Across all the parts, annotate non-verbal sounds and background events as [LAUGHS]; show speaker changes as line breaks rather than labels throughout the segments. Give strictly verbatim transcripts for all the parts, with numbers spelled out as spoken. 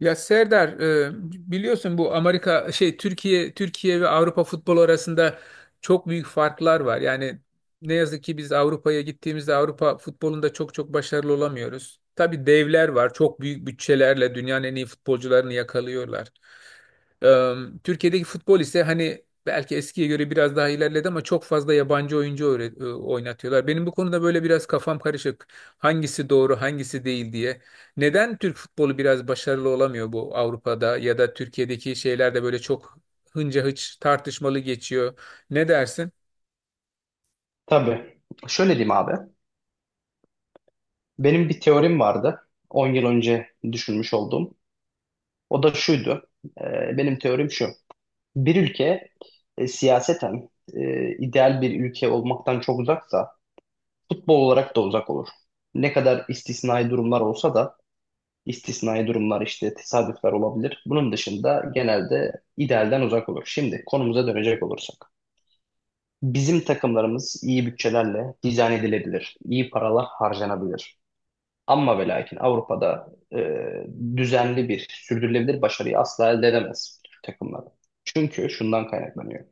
Ya Serdar e, biliyorsun bu Amerika şey Türkiye Türkiye ve Avrupa futbolu arasında çok büyük farklar var. Yani ne yazık ki biz Avrupa'ya gittiğimizde Avrupa futbolunda çok çok başarılı olamıyoruz. Tabii devler var. Çok büyük bütçelerle dünyanın en iyi futbolcularını yakalıyorlar. E, Türkiye'deki futbol ise hani belki eskiye göre biraz daha ilerledi ama çok fazla yabancı oyuncu öğre- e, oynatıyorlar. Benim bu konuda böyle biraz kafam karışık. Hangisi doğru, hangisi değil diye. Neden Türk futbolu biraz başarılı olamıyor bu Avrupa'da ya da Türkiye'deki şeyler de böyle çok hınca hıç tartışmalı geçiyor. Ne dersin?
Tabii. Şöyle diyeyim abi. Benim bir teorim vardı, on yıl önce düşünmüş olduğum. O da şuydu. Ee, benim teorim şu. Bir ülke e, siyaseten e, ideal bir ülke olmaktan çok uzaksa futbol olarak da uzak olur. Ne kadar istisnai durumlar olsa da istisnai durumlar işte tesadüfler olabilir. Bunun dışında genelde idealden uzak olur. Şimdi konumuza dönecek olursak, bizim takımlarımız iyi bütçelerle dizayn edilebilir. İyi paralar harcanabilir. Amma ve lakin Avrupa'da e, düzenli bir, sürdürülebilir başarıyı asla elde edemez Türk takımları. Çünkü şundan kaynaklanıyor.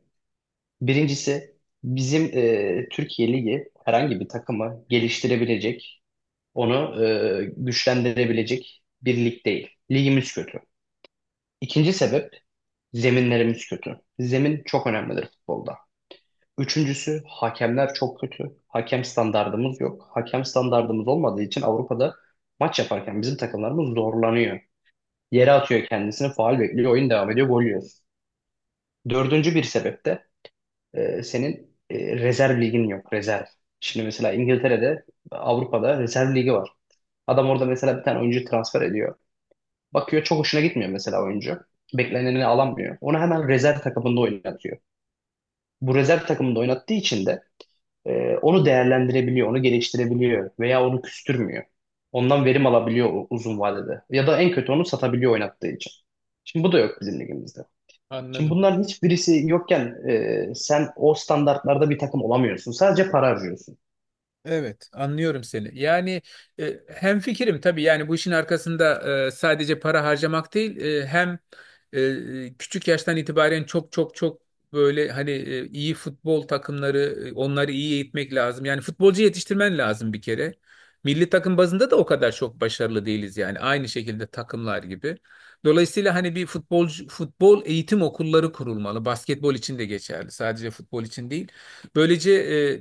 Birincisi bizim e, Türkiye Ligi herhangi bir takımı geliştirebilecek, onu e, güçlendirebilecek bir lig değil. Ligimiz kötü. İkinci sebep, zeminlerimiz kötü. Zemin çok önemlidir futbolda. Üçüncüsü, hakemler çok kötü. Hakem standardımız yok. Hakem standardımız olmadığı için Avrupa'da maç yaparken bizim takımlarımız zorlanıyor. Yere atıyor kendisini, faul bekliyor, oyun devam ediyor, gol yiyoruz. Dördüncü bir sebep de e, senin e, rezerv ligin yok, rezerv. Şimdi mesela İngiltere'de, Avrupa'da rezerv ligi var. Adam orada mesela bir tane oyuncu transfer ediyor. Bakıyor çok hoşuna gitmiyor mesela oyuncu. Beklenenini alamıyor. Onu hemen rezerv takımında oynatıyor. Bu rezerv takımında oynattığı için de Ee, onu değerlendirebiliyor, onu geliştirebiliyor veya onu küstürmüyor. Ondan verim alabiliyor u- uzun vadede. Ya da en kötü onu satabiliyor oynattığı için. Şimdi bu da yok bizim ligimizde. Şimdi
Anladım.
bunların hiçbirisi yokken e, sen o standartlarda bir takım olamıyorsun. Sadece para harcıyorsun.
Evet, anlıyorum seni. Yani e, hemfikirim tabii yani bu işin arkasında e, sadece para harcamak değil e, hem e, e, küçük yaştan itibaren çok çok çok böyle hani e, iyi futbol takımları, e, onları iyi eğitmek lazım. Yani futbolcu yetiştirmen lazım bir kere. Milli takım bazında da o kadar çok başarılı değiliz yani aynı şekilde takımlar gibi. Dolayısıyla hani bir futbolcu futbol eğitim okulları kurulmalı. Basketbol için de geçerli. Sadece futbol için değil. Böylece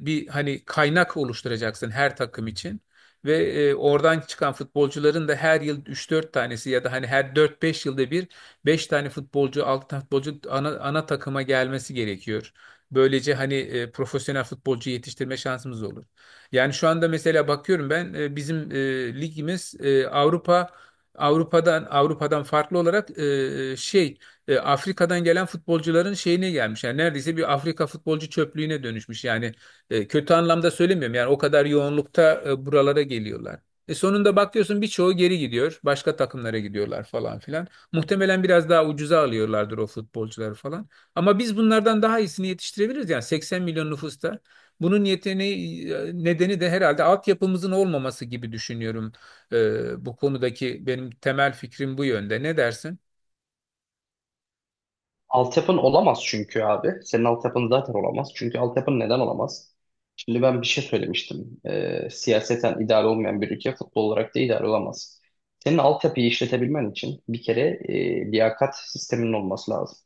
e, bir hani kaynak oluşturacaksın her takım için ve e, oradan çıkan futbolcuların da her yıl üç dört tanesi ya da hani her dört beş yılda bir beş tane futbolcu, altı tane futbolcu ana, ana takıma gelmesi gerekiyor. Böylece hani e, profesyonel futbolcu yetiştirme şansımız olur. Yani şu anda mesela bakıyorum ben, e, bizim e, ligimiz e, Avrupa Avrupa'dan Avrupa'dan farklı olarak e, e, şey e, Afrika'dan gelen futbolcuların şeyine gelmiş. Yani neredeyse bir Afrika futbolcu çöplüğüne dönüşmüş. Yani e, kötü anlamda söylemiyorum. Yani o kadar yoğunlukta e, buralara geliyorlar. E sonunda bakıyorsun birçoğu geri gidiyor. Başka takımlara gidiyorlar falan filan. Muhtemelen biraz daha ucuza alıyorlardır o futbolcuları falan. Ama biz bunlardan daha iyisini yetiştirebiliriz. Yani seksen milyon nüfusta. Bunun yeteneği, nedeni de herhalde altyapımızın olmaması gibi düşünüyorum. E, bu konudaki benim temel fikrim bu yönde. Ne dersin?
Altyapın olamaz çünkü abi. Senin altyapın zaten olamaz. Çünkü altyapın neden olamaz? Şimdi ben bir şey söylemiştim. Ee, siyaseten idare olmayan bir ülke futbol olarak da idare olamaz. Senin altyapıyı işletebilmen için bir kere e, liyakat sisteminin olması lazım.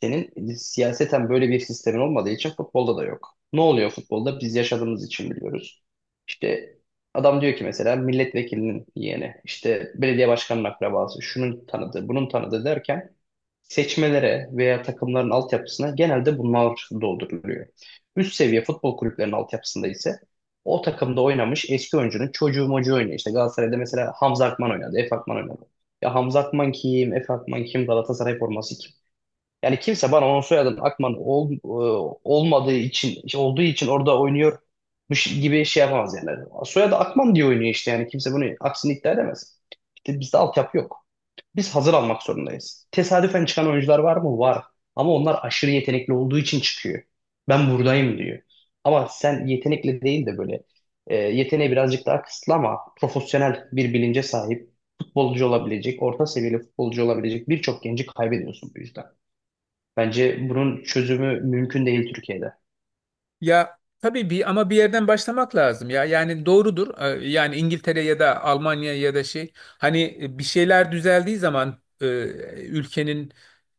Senin siyaseten böyle bir sistemin olmadığı için futbolda da yok. Ne oluyor futbolda? Biz yaşadığımız için biliyoruz. İşte adam diyor ki mesela milletvekilinin yeğeni, işte belediye başkanının akrabası, şunun tanıdığı, bunun tanıdığı derken seçmelere veya takımların altyapısına genelde bunlar dolduruluyor. Üst seviye futbol kulüplerinin altyapısında ise o takımda oynamış eski oyuncunun çocuğu mocuğu oynuyor. İşte Galatasaray'da mesela Hamza Akman oynadı, Efe Akman oynadı. Ya Hamza Akman kim, Efe Akman kim, Galatasaray forması kim? Yani kimse bana onun soyadının Akman ol, e, olmadığı için, işte olduğu için orada oynuyor bu şi- gibi şey yapamaz yani. Soyadı Akman diye oynuyor işte, yani kimse bunu aksini iddia edemez. İşte bizde altyapı yok. Biz hazır almak zorundayız. Tesadüfen çıkan oyuncular var mı? Var. Ama onlar aşırı yetenekli olduğu için çıkıyor. Ben buradayım diyor. Ama sen yetenekli değil de böyle e, yeteneği birazcık daha kısıtlı ama profesyonel bir bilince sahip futbolcu olabilecek, orta seviyeli futbolcu olabilecek birçok genci kaybediyorsun bu yüzden. Bence bunun çözümü mümkün değil Türkiye'de.
Ya tabii bir ama bir yerden başlamak lazım ya. Yani doğrudur. Ee, Yani İngiltere ya da Almanya ya da şey hani e, bir şeyler düzeldiği zaman, e, ülkenin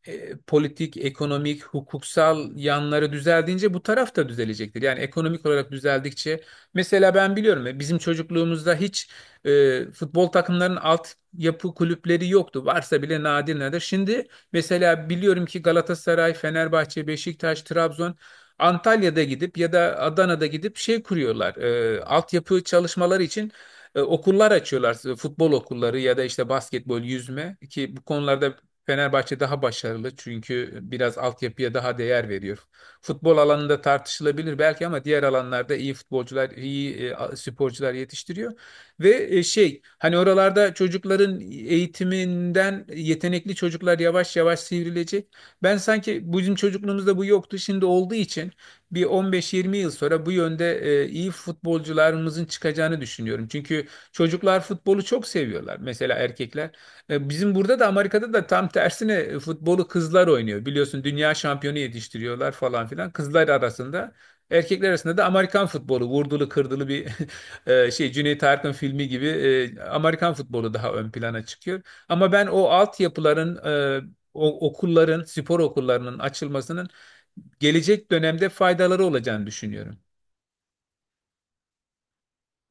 e, politik, ekonomik, hukuksal yanları düzeldiğince bu taraf da düzelecektir. Yani ekonomik olarak düzeldikçe mesela ben biliyorum ya, bizim çocukluğumuzda hiç e, futbol takımlarının alt yapı kulüpleri yoktu. Varsa bile nadir nadir. Şimdi mesela biliyorum ki Galatasaray, Fenerbahçe, Beşiktaş, Trabzon, Antalya'da gidip ya da Adana'da gidip şey kuruyorlar. E, altyapı çalışmaları için e, okullar açıyorlar. e, Futbol okulları ya da işte basketbol, yüzme, ki bu konularda Fenerbahçe daha başarılı çünkü biraz altyapıya daha değer veriyor. Futbol alanında tartışılabilir belki ama diğer alanlarda iyi futbolcular, iyi e, sporcular yetiştiriyor. Ve e, şey hani oralarda çocukların eğitiminden yetenekli çocuklar yavaş yavaş sivrilecek. Ben sanki bizim çocukluğumuzda bu yoktu. Şimdi olduğu için bir on beş yirmi yıl sonra bu yönde e, iyi futbolcularımızın çıkacağını düşünüyorum. Çünkü çocuklar futbolu çok seviyorlar. Mesela erkekler. E, bizim burada da Amerika'da da tam tersine e, futbolu kızlar oynuyor. Biliyorsun dünya şampiyonu yetiştiriyorlar falan filan. Kızlar arasında. Erkekler arasında da Amerikan futbolu vurdulu kırdılı bir [LAUGHS] e, şey Cüneyt Arkın filmi gibi, e, Amerikan futbolu daha ön plana çıkıyor. Ama ben o altyapıların, e, o okulların, spor okullarının açılmasının gelecek dönemde faydaları olacağını düşünüyorum.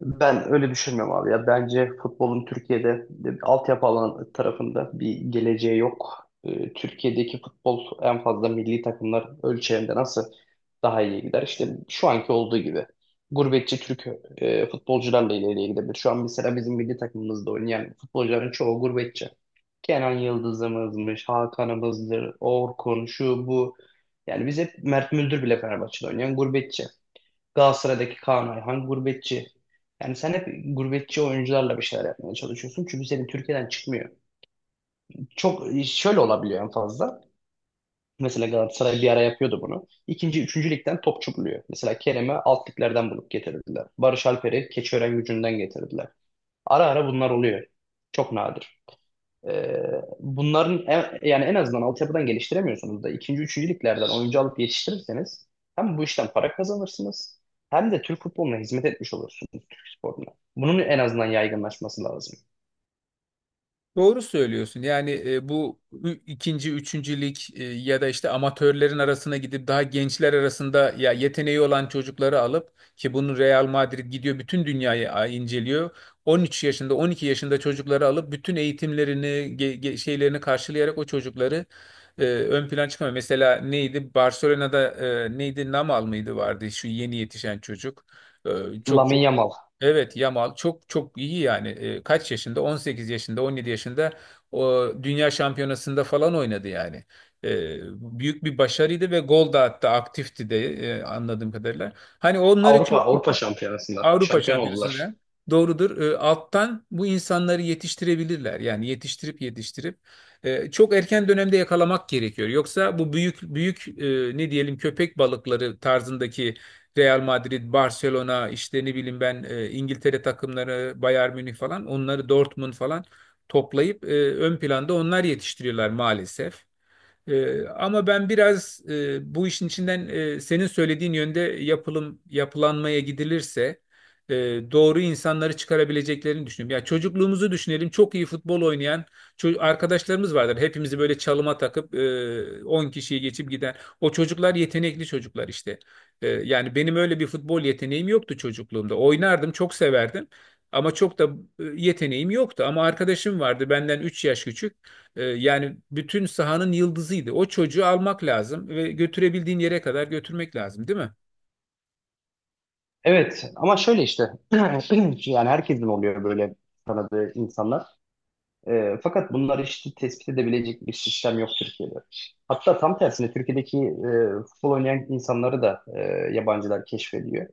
Ben öyle düşünmüyorum abi ya. Bence futbolun Türkiye'de e, altyapı alan tarafında bir geleceği yok. E, Türkiye'deki futbol en fazla milli takımlar ölçeğinde nasıl daha iyi gider? İşte şu anki olduğu gibi. Gurbetçi Türk e, futbolcularla ileriye gidebilir. Şu an mesela bizim milli takımımızda oynayan futbolcuların çoğu gurbetçi. Kenan Yıldız'ımızmış, Hakan'ımızdır, Orkun, şu bu. Yani biz hep, Mert Müldür bile Fenerbahçe'de oynayan gurbetçi. Galatasaray'daki Kaan Ayhan gurbetçi. Yani sen hep gurbetçi oyuncularla bir şeyler yapmaya çalışıyorsun. Çünkü senin Türkiye'den çıkmıyor. Çok şöyle olabiliyor en fazla. Mesela Galatasaray bir ara yapıyordu bunu. İkinci, üçüncü ligden topçu buluyor. Mesela Kerem'i alt liglerden bulup getirdiler. Barış Alper'i Keçiören gücünden getirdiler. Ara ara bunlar oluyor. Çok nadir. Ee, bunların en- yani en azından altyapıdan geliştiremiyorsunuz da ikinci, üçüncü liglerden oyuncu alıp yetiştirirseniz hem bu işten para kazanırsınız hem de Türk futboluna hizmet etmiş olursunuz, Türk sporuna. Bunun en azından yaygınlaşması lazım.
Doğru söylüyorsun. Yani e, bu ü- ikinci, üçüncü lig, e, ya da işte amatörlerin arasına gidip daha gençler arasında ya yeteneği olan çocukları alıp, ki bunu Real Madrid gidiyor, bütün dünyayı a- inceliyor. on üç yaşında, on iki yaşında çocukları alıp bütün eğitimlerini, ge- ge- şeylerini karşılayarak o çocukları e, ön plana çıkmıyor. Mesela neydi? Barcelona'da e, neydi? Namal mıydı vardı şu yeni yetişen çocuk. E, çok çok
Lamine Yamal.
Evet, Yamal çok çok iyi yani. E, kaç yaşında? on sekiz yaşında, on yedi yaşında o dünya şampiyonasında falan oynadı yani. E, Büyük bir başarıydı ve gol da attı, aktifti de, e, anladığım kadarıyla. Hani onları
Avrupa
çok
Avrupa Şampiyonası'nda
Avrupa
şampiyon oldular.
Şampiyonası'nda doğrudur. E, alttan bu insanları yetiştirebilirler. Yani yetiştirip yetiştirip e, çok erken dönemde yakalamak gerekiyor. Yoksa bu büyük büyük e, ne diyelim köpek balıkları tarzındaki Real Madrid, Barcelona, işte ne bileyim ben, e, İngiltere takımları, Bayern Münih falan, onları Dortmund falan toplayıp e, ön planda onlar yetiştiriyorlar maalesef. Ee, ama ben biraz, e, bu işin içinden, e, senin söylediğin yönde yapılım yapılanmaya gidilirse e, doğru insanları çıkarabileceklerini düşünüyorum. Ya çocukluğumuzu düşünelim. Çok iyi futbol oynayan ço- arkadaşlarımız vardır. Hepimizi böyle çalıma takıp e, on kişiyi geçip giden. O çocuklar yetenekli çocuklar işte. E, yani benim öyle bir futbol yeteneğim yoktu çocukluğumda. Oynardım, çok severdim. Ama çok da e, yeteneğim yoktu. Ama arkadaşım vardı benden üç yaş küçük. Ee, yani bütün sahanın yıldızıydı. O çocuğu almak lazım ve götürebildiğin yere kadar götürmek lazım, değil mi?
Evet ama şöyle işte [CLEARS THROAT] yani herkesin oluyor böyle tanıdığı insanlar. E, fakat bunları işte tespit edebilecek bir sistem yok Türkiye'de. Hatta tam tersine Türkiye'deki e, futbol oynayan insanları da e, yabancılar keşfediyor.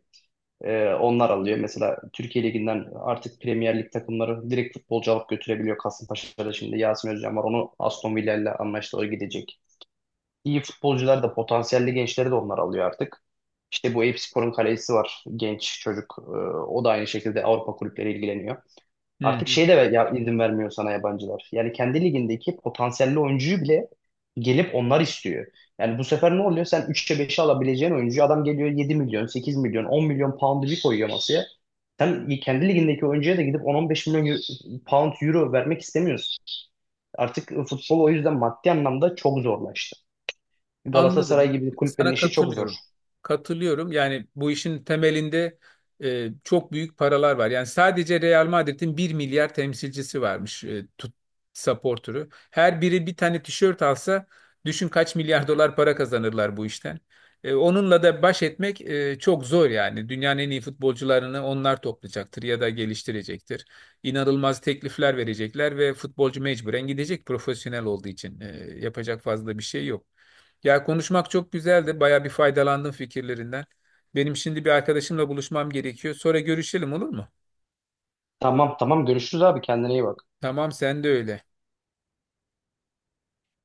E, onlar alıyor. Mesela Türkiye Ligi'nden artık Premier Lig takımları direkt futbolcu alıp götürebiliyor. Kasımpaşa'da şimdi Yasin Özcan var. Onu Aston Villa ile anlaştı. O gidecek. İyi futbolcular da, potansiyelli gençleri de onlar alıyor artık. İşte bu Eyüpspor'un kalecisi var. Genç çocuk. E, o da aynı şekilde Avrupa kulüpleri ilgileniyor.
Hı.
Artık şey de ya, izin vermiyor sana yabancılar. Yani kendi ligindeki potansiyelli oyuncuyu bile gelip onlar istiyor. Yani bu sefer ne oluyor? Sen üçe beşe alabileceğin oyuncuyu, adam geliyor yedi milyon, sekiz milyon, on milyon pound'u bir koyuyor masaya. Sen kendi ligindeki oyuncuya da gidip on on beş milyon eu- pound, euro vermek istemiyorsun. Artık futbol o yüzden maddi anlamda çok zorlaştı.
Anladım.
Galatasaray gibi kulüplerin
Sana
işi çok zor.
katılıyorum. Katılıyorum. Yani bu işin temelinde e, çok büyük paralar var. Yani sadece Real Madrid'in bir milyar temsilcisi varmış, e, tut, supporter'ı. Her biri bir tane tişört alsa düşün kaç milyar [LAUGHS] dolar para kazanırlar bu işten. E, onunla da baş etmek e, çok zor yani. Dünyanın en iyi futbolcularını onlar toplayacaktır ya da geliştirecektir. İnanılmaz teklifler verecekler ve futbolcu mecburen gidecek profesyonel olduğu için. E, yapacak fazla bir şey yok. Ya konuşmak çok güzeldi. Baya bir faydalandım fikirlerinden. Benim şimdi bir arkadaşımla buluşmam gerekiyor. Sonra görüşelim olur mu?
Tamam, tamam, görüşürüz abi, kendine iyi bak.
Tamam, sen de öyle.